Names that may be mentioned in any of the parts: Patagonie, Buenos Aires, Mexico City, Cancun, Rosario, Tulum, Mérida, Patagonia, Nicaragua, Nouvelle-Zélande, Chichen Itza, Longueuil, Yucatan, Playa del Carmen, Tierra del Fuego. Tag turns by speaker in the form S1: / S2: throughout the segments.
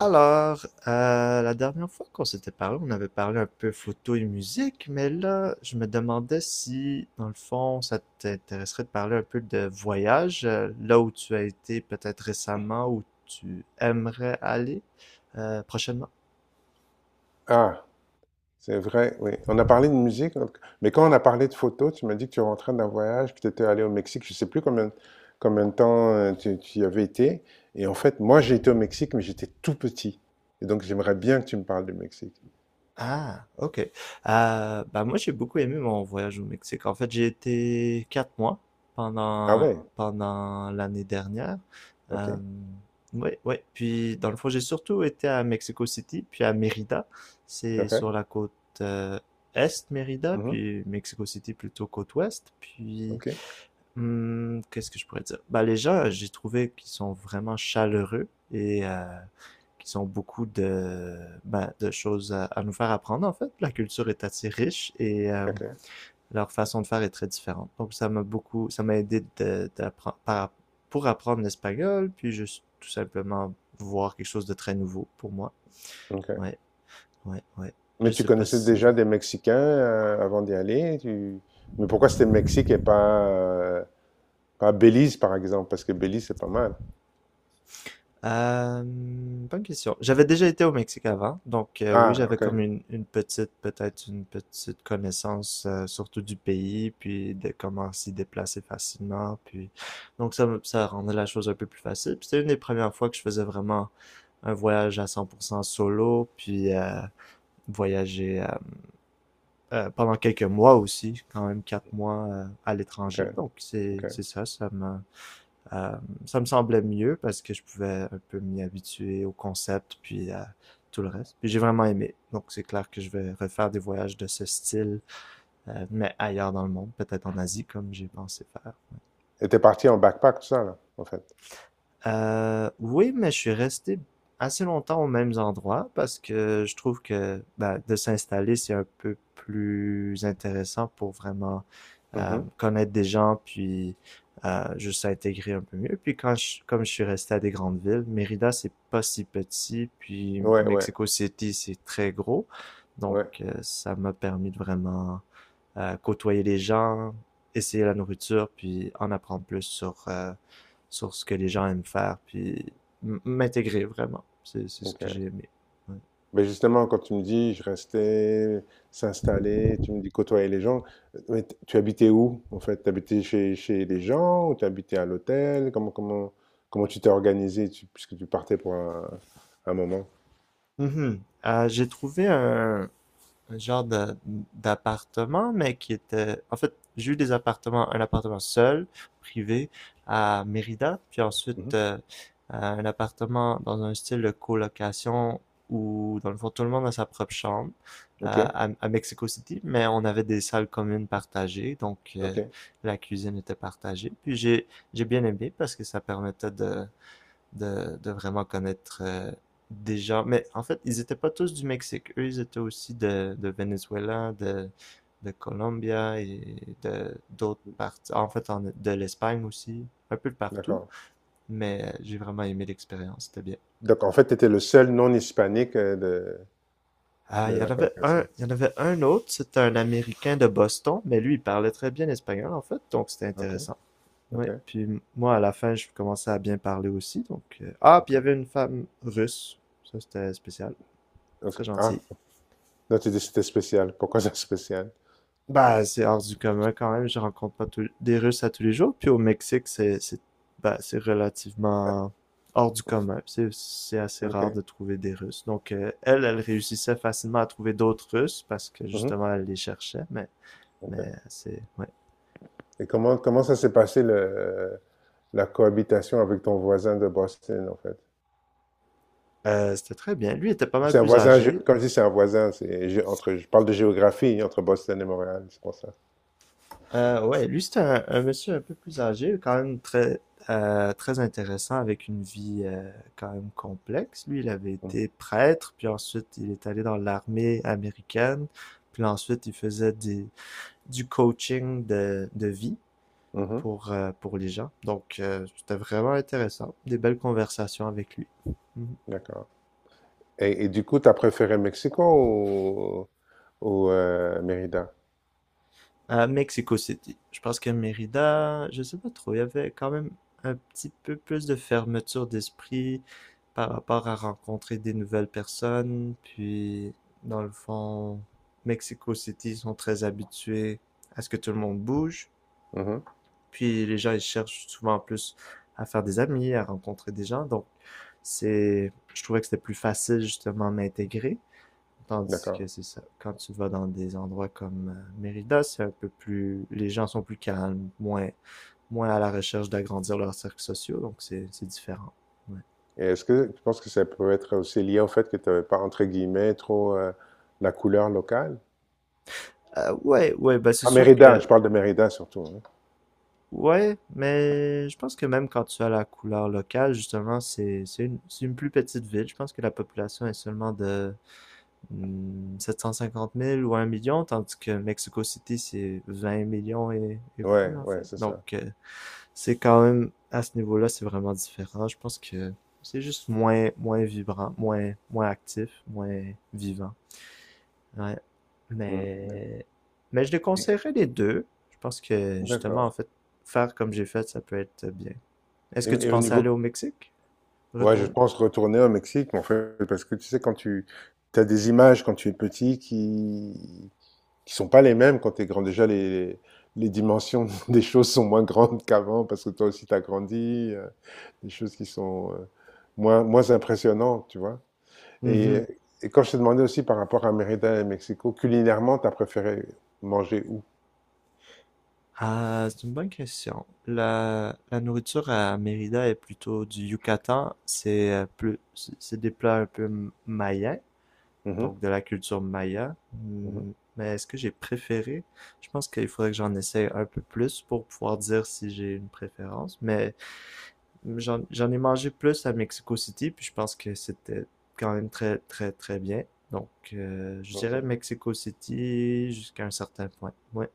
S1: Alors, la dernière fois qu'on s'était parlé, on avait parlé un peu photo et musique, mais là, je me demandais si, dans le fond, ça t'intéresserait de parler un peu de voyage, là où tu as été peut-être récemment, où tu aimerais aller prochainement.
S2: Ah, c'est vrai, oui. On a parlé de musique, mais quand on a parlé de photos, tu m'as dit que tu rentrais d'un voyage, que tu étais allé au Mexique, je ne sais plus combien de temps tu y avais été. Et en fait, moi, j'ai été au Mexique, mais j'étais tout petit. Et donc, j'aimerais bien que tu me parles du Mexique.
S1: Ah, ok. Bah moi, j'ai beaucoup aimé mon voyage au Mexique. En fait, j'ai été 4 mois
S2: Ah,
S1: pendant
S2: ouais,
S1: pendant l'année dernière.
S2: ok,
S1: Euh, oui, oui. Puis dans le fond, j'ai surtout été à Mexico City, puis à Mérida. C'est sur
S2: ok,
S1: la côte euh, est, Mérida,
S2: mhm,
S1: puis Mexico City plutôt côte ouest. Puis
S2: ok,
S1: qu'est-ce que je pourrais dire? Bah les gens, j'ai trouvé qu'ils sont vraiment chaleureux, et qui ont beaucoup de, ben, de choses à nous faire apprendre, en fait. La culture est assez riche, et
S2: ok,
S1: leur façon de faire est très différente. Donc, ça m'a beaucoup, ça m'a aidé pour apprendre l'espagnol, puis juste tout simplement voir quelque chose de très nouveau pour moi.
S2: ok.
S1: Ouais, ouais, ouais. Je
S2: Mais tu
S1: sais pas
S2: connaissais
S1: si
S2: déjà des Mexicains avant d'y aller, mais pourquoi c'était Mexique et pas, pas Belize, par exemple? Parce que Belize, c'est pas mal.
S1: Bonne question. J'avais déjà été au Mexique avant, donc oui,
S2: Ah,
S1: j'avais
S2: ok,
S1: comme une petite, peut-être une petite connaissance, surtout du pays, puis de comment s'y déplacer facilement, puis donc ça rendait la chose un peu plus facile. Puis c'était une des premières fois que je faisais vraiment un voyage à 100% solo, puis voyager pendant quelques mois aussi, quand même 4 mois à
S2: ok,
S1: l'étranger. Donc c'est
S2: ok.
S1: c'est ça, ça m'a euh, ça me semblait mieux parce que je pouvais un peu m'y habituer au concept, puis à tout le reste. Puis j'ai vraiment aimé. Donc c'est clair que je vais refaire des voyages de ce style, mais ailleurs dans le monde, peut-être en Asie comme j'ai pensé faire.
S2: Et t'es parti en backpack, tout ça, là, en fait.
S1: Oui, mais je suis resté assez longtemps aux mêmes endroits parce que je trouve que, ben, de s'installer, c'est un peu plus intéressant pour vraiment
S2: Mhm.
S1: connaître des gens, puis juste intégrer un peu mieux. Puis comme je suis resté à des grandes villes, Mérida, c'est pas si petit, puis
S2: Ouais, ouais,
S1: Mexico City, c'est très gros. Donc,
S2: ouais.
S1: ça m'a permis de vraiment côtoyer les gens, essayer la nourriture, puis en apprendre plus sur ce que les gens aiment faire, puis m'intégrer vraiment. C'est ce que j'ai
S2: Ok.
S1: aimé. Ouais.
S2: Mais justement, quand tu me dis, je restais, s'installer, tu me dis côtoyer les gens, mais tu habitais où, en fait? T'habitais chez, chez les gens ou t'habitais à l'hôtel? Comment tu t'es organisé, puisque tu partais pour un moment?
S1: Mm -hmm. J'ai trouvé un d'appartement, En fait, j'ai eu des appartements, un appartement seul, privé, à Mérida, puis ensuite
S2: Mhm.
S1: un appartement dans un style de colocation où, dans le fond, tout le monde a sa propre chambre
S2: Ok,
S1: à Mexico City, mais on avait des salles communes partagées, donc
S2: ok,
S1: la cuisine était partagée. Puis j'ai bien aimé parce que ça permettait de vraiment connaître des gens. Mais en fait, ils étaient pas tous du Mexique. Eux, ils étaient aussi de Venezuela, de Colombia et de d'autres parties. En fait, de l'Espagne aussi, un peu de partout.
S2: d'accord.
S1: Mais j'ai vraiment aimé l'expérience, c'était bien.
S2: Donc, en fait, tu étais le seul non-hispanique euh, de,
S1: Ah, il
S2: de
S1: y en
S2: la
S1: avait un,
S2: colocation.
S1: il y en avait un autre, c'était un Américain de Boston, mais lui, il parlait très bien espagnol, en fait, donc c'était
S2: Ok,
S1: intéressant.
S2: ok,
S1: Ouais, puis moi, à la fin, je commençais à bien parler aussi. Ah, puis il y
S2: d'accord.
S1: avait une femme russe, ça c'était spécial.
S2: Ok.
S1: Très
S2: Ah,
S1: gentil.
S2: non, tu dis que c'était spécial. Pourquoi c'est spécial?
S1: Bah, c'est hors du commun quand même. Je rencontre pas des Russes à tous les jours. Puis au Mexique, c'est relativement hors du commun. C'est assez rare
S2: OK.
S1: de trouver des Russes. Donc, elle, elle réussissait facilement à trouver d'autres Russes parce que
S2: Mmh.
S1: justement, elle les cherchait. Mais
S2: OK.
S1: c'est. Ouais.
S2: Et comment ça s'est passé le la cohabitation avec ton voisin de Boston, en fait?
S1: C'était très bien. Lui était pas mal
S2: C'est un
S1: plus
S2: voisin,
S1: âgé.
S2: comme je dis, c'est un voisin, entre, je parle de géographie, entre Boston et Montréal, c'est pour ça.
S1: Ouais, lui, c'est un monsieur un peu plus âgé, quand même très intéressant, avec une vie quand même complexe. Lui, il avait
S2: Mm.
S1: été prêtre, puis ensuite, il est allé dans l'armée américaine, puis ensuite, il faisait du coaching de vie
S2: Mhm.
S1: pour les gens. Donc, c'était vraiment intéressant. Des belles conversations avec lui. Mhm.
S2: D'accord. Et du coup, tu as préféré Mexico ou, Mérida?
S1: À Mexico City. Je pense que Mérida, je sais pas trop, il y avait quand même un petit peu plus de fermeture d'esprit par rapport à rencontrer des nouvelles personnes. Puis, dans le fond, Mexico City sont très habitués à ce que tout le monde bouge.
S2: Mhm.
S1: Puis, les gens, ils cherchent souvent plus à faire des amis, à rencontrer des gens. Donc, c'est, je trouvais que c'était plus facile justement à m'intégrer. Tandis que
S2: D'accord.
S1: c'est ça. Quand tu vas dans des endroits comme Mérida, c'est un peu plus. Les gens sont plus calmes, moins à la recherche d'agrandir leurs cercles sociaux, donc c'est différent. Ouais.
S2: Et est-ce que tu penses que ça peut être aussi lié au fait que tu n'avais pas, entre guillemets, trop la couleur locale?
S1: Ouais, ouais, bah c'est
S2: À
S1: sûr
S2: Mérida,
S1: que.
S2: je parle de Mérida surtout. Hein.
S1: Ouais, mais je pense que même quand tu as la couleur locale, justement, c'est une plus petite ville. Je pense que la population est seulement de 750 000 ou 1 million, tandis que Mexico City, c'est 20 millions et plus,
S2: Ouais,
S1: en
S2: ouais,
S1: fait.
S2: c'est
S1: Donc,
S2: ça.
S1: c'est quand même, à ce niveau-là, c'est vraiment différent. Je pense que c'est juste moins vibrant, moins actif, moins vivant. Ouais.
S2: Mm.
S1: Mais, mais je les
S2: Et-
S1: conseillerais les deux. Je pense que, justement, en
S2: D'accord.
S1: fait, faire comme j'ai fait, ça peut être bien. Est-ce
S2: Et,
S1: que tu
S2: et au
S1: pensais aller au
S2: niveau,
S1: Mexique?
S2: ouais, je
S1: Retourner?
S2: pense retourner au Mexique, mais en fait, parce que tu sais, quand tu as des images quand tu es petit qui sont pas les mêmes quand tu es grand. Déjà, les dimensions des choses sont moins grandes qu'avant parce que toi aussi tu as grandi. Des choses qui sont moins impressionnantes, tu vois. Et
S1: Mhm.
S2: et quand je t'ai demandé aussi par rapport à Mérida et Mexico, culinairement, tu as préféré manger où?
S1: Ah, c'est une bonne question. La nourriture à Mérida est plutôt du Yucatan. C'est c'est des plats un peu mayens.
S2: Mmh mh.
S1: Donc de la culture maya.
S2: Mmh.
S1: Mais est-ce que j'ai préféré? Je pense qu'il faudrait que j'en essaye un peu plus pour pouvoir dire si j'ai une préférence. Mais j'en ai mangé plus à Mexico City, puis je pense que c'était quand même très, très, très bien. Donc, je
S2: OK.
S1: dirais Mexico City jusqu'à un certain point. Ouais.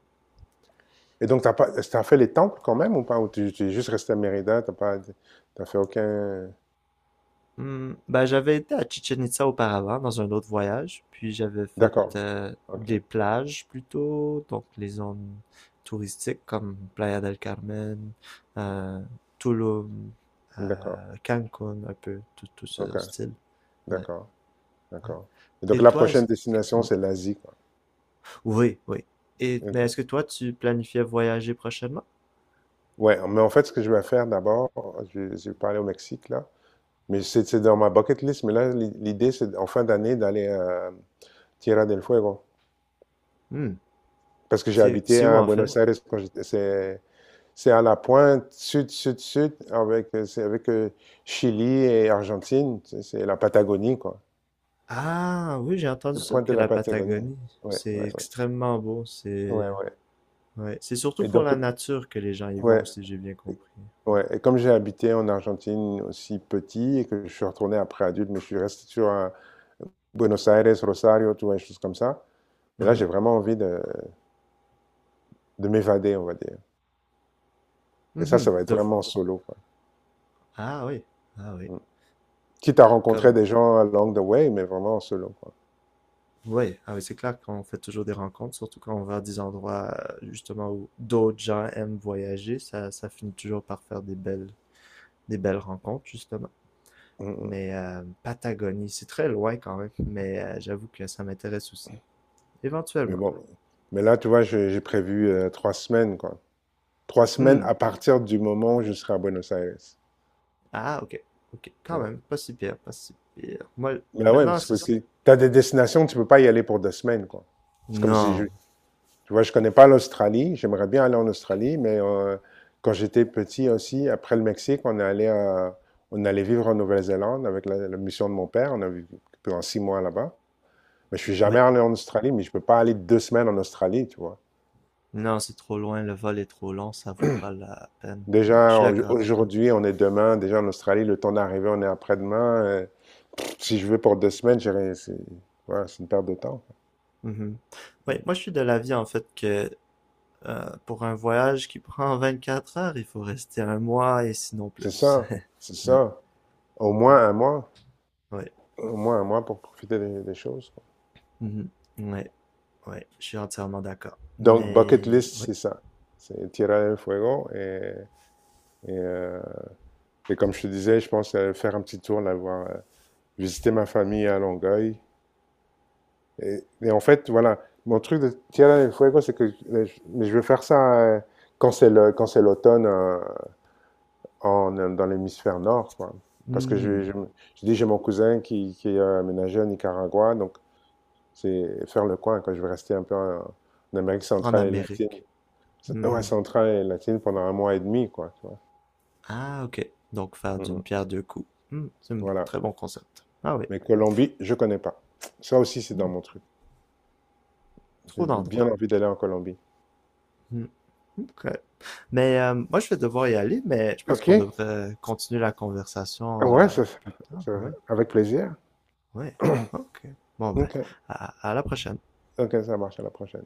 S2: Et donc t'as pas t'as fait les temples quand même ou pas? Ou tu es juste resté à Mérida. T'as fait aucun
S1: Ben, j'avais été à Chichen Itza auparavant, dans un autre voyage, puis j'avais fait
S2: d'accord. OK.
S1: des plages plutôt, donc les zones touristiques comme Playa del Carmen, euh, Tulum,
S2: D'accord.
S1: Cancun, un peu, tout, tout ce
S2: OK.
S1: style. Ouais.
S2: D'accord. D'accord. Et donc
S1: Et
S2: la
S1: toi, est-ce
S2: prochaine destination,
S1: Oui,
S2: c'est l'Asie, quoi.
S1: oui, oui. Et, mais est-ce
S2: OK.
S1: que toi, tu planifiais voyager prochainement?
S2: Ouais, mais en fait, ce que je vais faire d'abord, je vais parler au Mexique, là, mais c'est dans ma bucket list, mais là, l'idée, c'est en fin d'année d'aller à Tierra del Fuego.
S1: Hmm.
S2: Parce que j'ai
S1: C'est,
S2: habité
S1: c'est où
S2: à
S1: en fait?
S2: Buenos Aires quand j'étais. C'est à la pointe sud, sud, sud, avec, c'est avec Chili et Argentine. C'est la Patagonie, quoi.
S1: Ah oui, j'ai entendu
S2: La
S1: ça
S2: pointe de
S1: que
S2: la
S1: la
S2: Patagonie.
S1: Patagonie,
S2: Ouais, ouais,
S1: c'est
S2: ouais.
S1: extrêmement beau,
S2: Ouais, ouais.
S1: Ouais. C'est surtout
S2: Et
S1: pour
S2: donc,
S1: la nature que les gens y vont,
S2: ouais.
S1: si j'ai bien compris.
S2: Ouais, et comme j'ai habité en Argentine aussi petit et que je suis retourné après adulte, mais je suis resté sur Buenos Aires, Rosario, tu vois, des choses comme ça. Et là,
S1: Mhm.
S2: j'ai vraiment envie de m'évader, on va dire. Et ça
S1: Mhm.
S2: va être vraiment solo, quoi.
S1: Ah oui, ah oui.
S2: Mm. Quitte à rencontrer
S1: Comme,
S2: des gens along the way, mais vraiment en solo, quoi.
S1: ouais, ah oui, c'est clair qu'on fait toujours des rencontres, surtout quand on va à des endroits justement où d'autres gens aiment voyager, ça finit toujours par faire des belles rencontres justement.
S2: Mmh
S1: Mais
S2: mh.
S1: Patagonie, c'est très loin quand même, mais j'avoue que ça m'intéresse aussi,
S2: Mais
S1: éventuellement.
S2: bon, mais là, tu vois, j'ai prévu, 3 semaines, quoi. 3 semaines
S1: Hmm.
S2: à partir du moment où je serai à Buenos Aires.
S1: Ah ok, ok, quand
S2: Ouais.
S1: même, pas si pire, pas si pire. Moi,
S2: Bah, ouais,
S1: maintenant c'est
S2: parce que
S1: ça.
S2: tu as des destinations, tu peux pas y aller pour 2 semaines, quoi. C'est comme si
S1: Non,
S2: je tu vois, je connais pas l'Australie, j'aimerais bien aller en Australie, mais quand j'étais petit aussi, après le Mexique, on est allé à on allait vivre en Nouvelle-Zélande avec la mission de mon père. On a vécu pendant 6 mois là-bas. Mais je suis
S1: oui,
S2: jamais allé en Australie, mais je peux pas aller 2 semaines en Australie, tu vois?
S1: non, c'est trop loin, le vol est trop long, ça vaut pas la peine. Ouais, je
S2: Déjà,
S1: suis d'accord.
S2: aujourd'hui, on est demain. Déjà, en Australie, le temps d'arriver, on est après-demain. Pff, si je vais pour 2 semaines, j'ai rien- c'est voilà, c'est une perte de temps.
S1: Mhm. Ouais, moi je suis de l'avis en fait que pour un voyage qui prend 24 heures, il faut rester un mois et sinon
S2: C'est
S1: plus.
S2: ça, c'est
S1: Ouais,
S2: ça. Au
S1: ouais,
S2: moins un mois,
S1: ouais.
S2: au moins un mois pour profiter des choses. Quoi.
S1: Mhm. Ouais, ouais, je suis entièrement d'accord.
S2: Donc, bucket
S1: Mais
S2: list,
S1: oui.
S2: c'est ça. C'est Tierra del Fuego. Et, euh, et comme je te disais, je pense faire un petit tour, là, voir, visiter ma famille à Longueuil. Et en fait, voilà, mon truc de Tierra del Fuego, c'est que mais je veux faire ça quand c'est le, quand c'est l'automne en, dans l'hémisphère nord, quoi. Parce que je,
S1: Hmm,
S2: je, je dis, j'ai mon cousin qui est aménagé au Nicaragua, donc c'est faire le coin, quand je vais rester un peu en, Amérique
S1: En
S2: centrale et latine.
S1: Amérique.
S2: Ouais,
S1: Mhm.
S2: centrale et latine pendant un mois et demi, quoi, tu vois.
S1: Ah, ok. Donc faire
S2: Mm,
S1: d'une
S2: mm.
S1: pierre deux coups. C'est un
S2: Voilà.
S1: très bon concept. Ah oui.
S2: Mais Colombie, je connais pas. Ça aussi, c'est dans
S1: Hmm,
S2: mon truc. J'ai
S1: Trop
S2: bien
S1: d'endroits.
S2: envie d'aller en Colombie.
S1: Hmm. OK. Mais moi, je vais devoir y aller, mais je pense
S2: Ok.
S1: qu'on devrait continuer la conversation
S2: Ouais,
S1: plus tard.
S2: ça-
S1: Oui,
S2: avec plaisir.
S1: oui. OK. Bon, ben,
S2: Ok.
S1: à la prochaine.
S2: OK, ça marche, à la prochaine.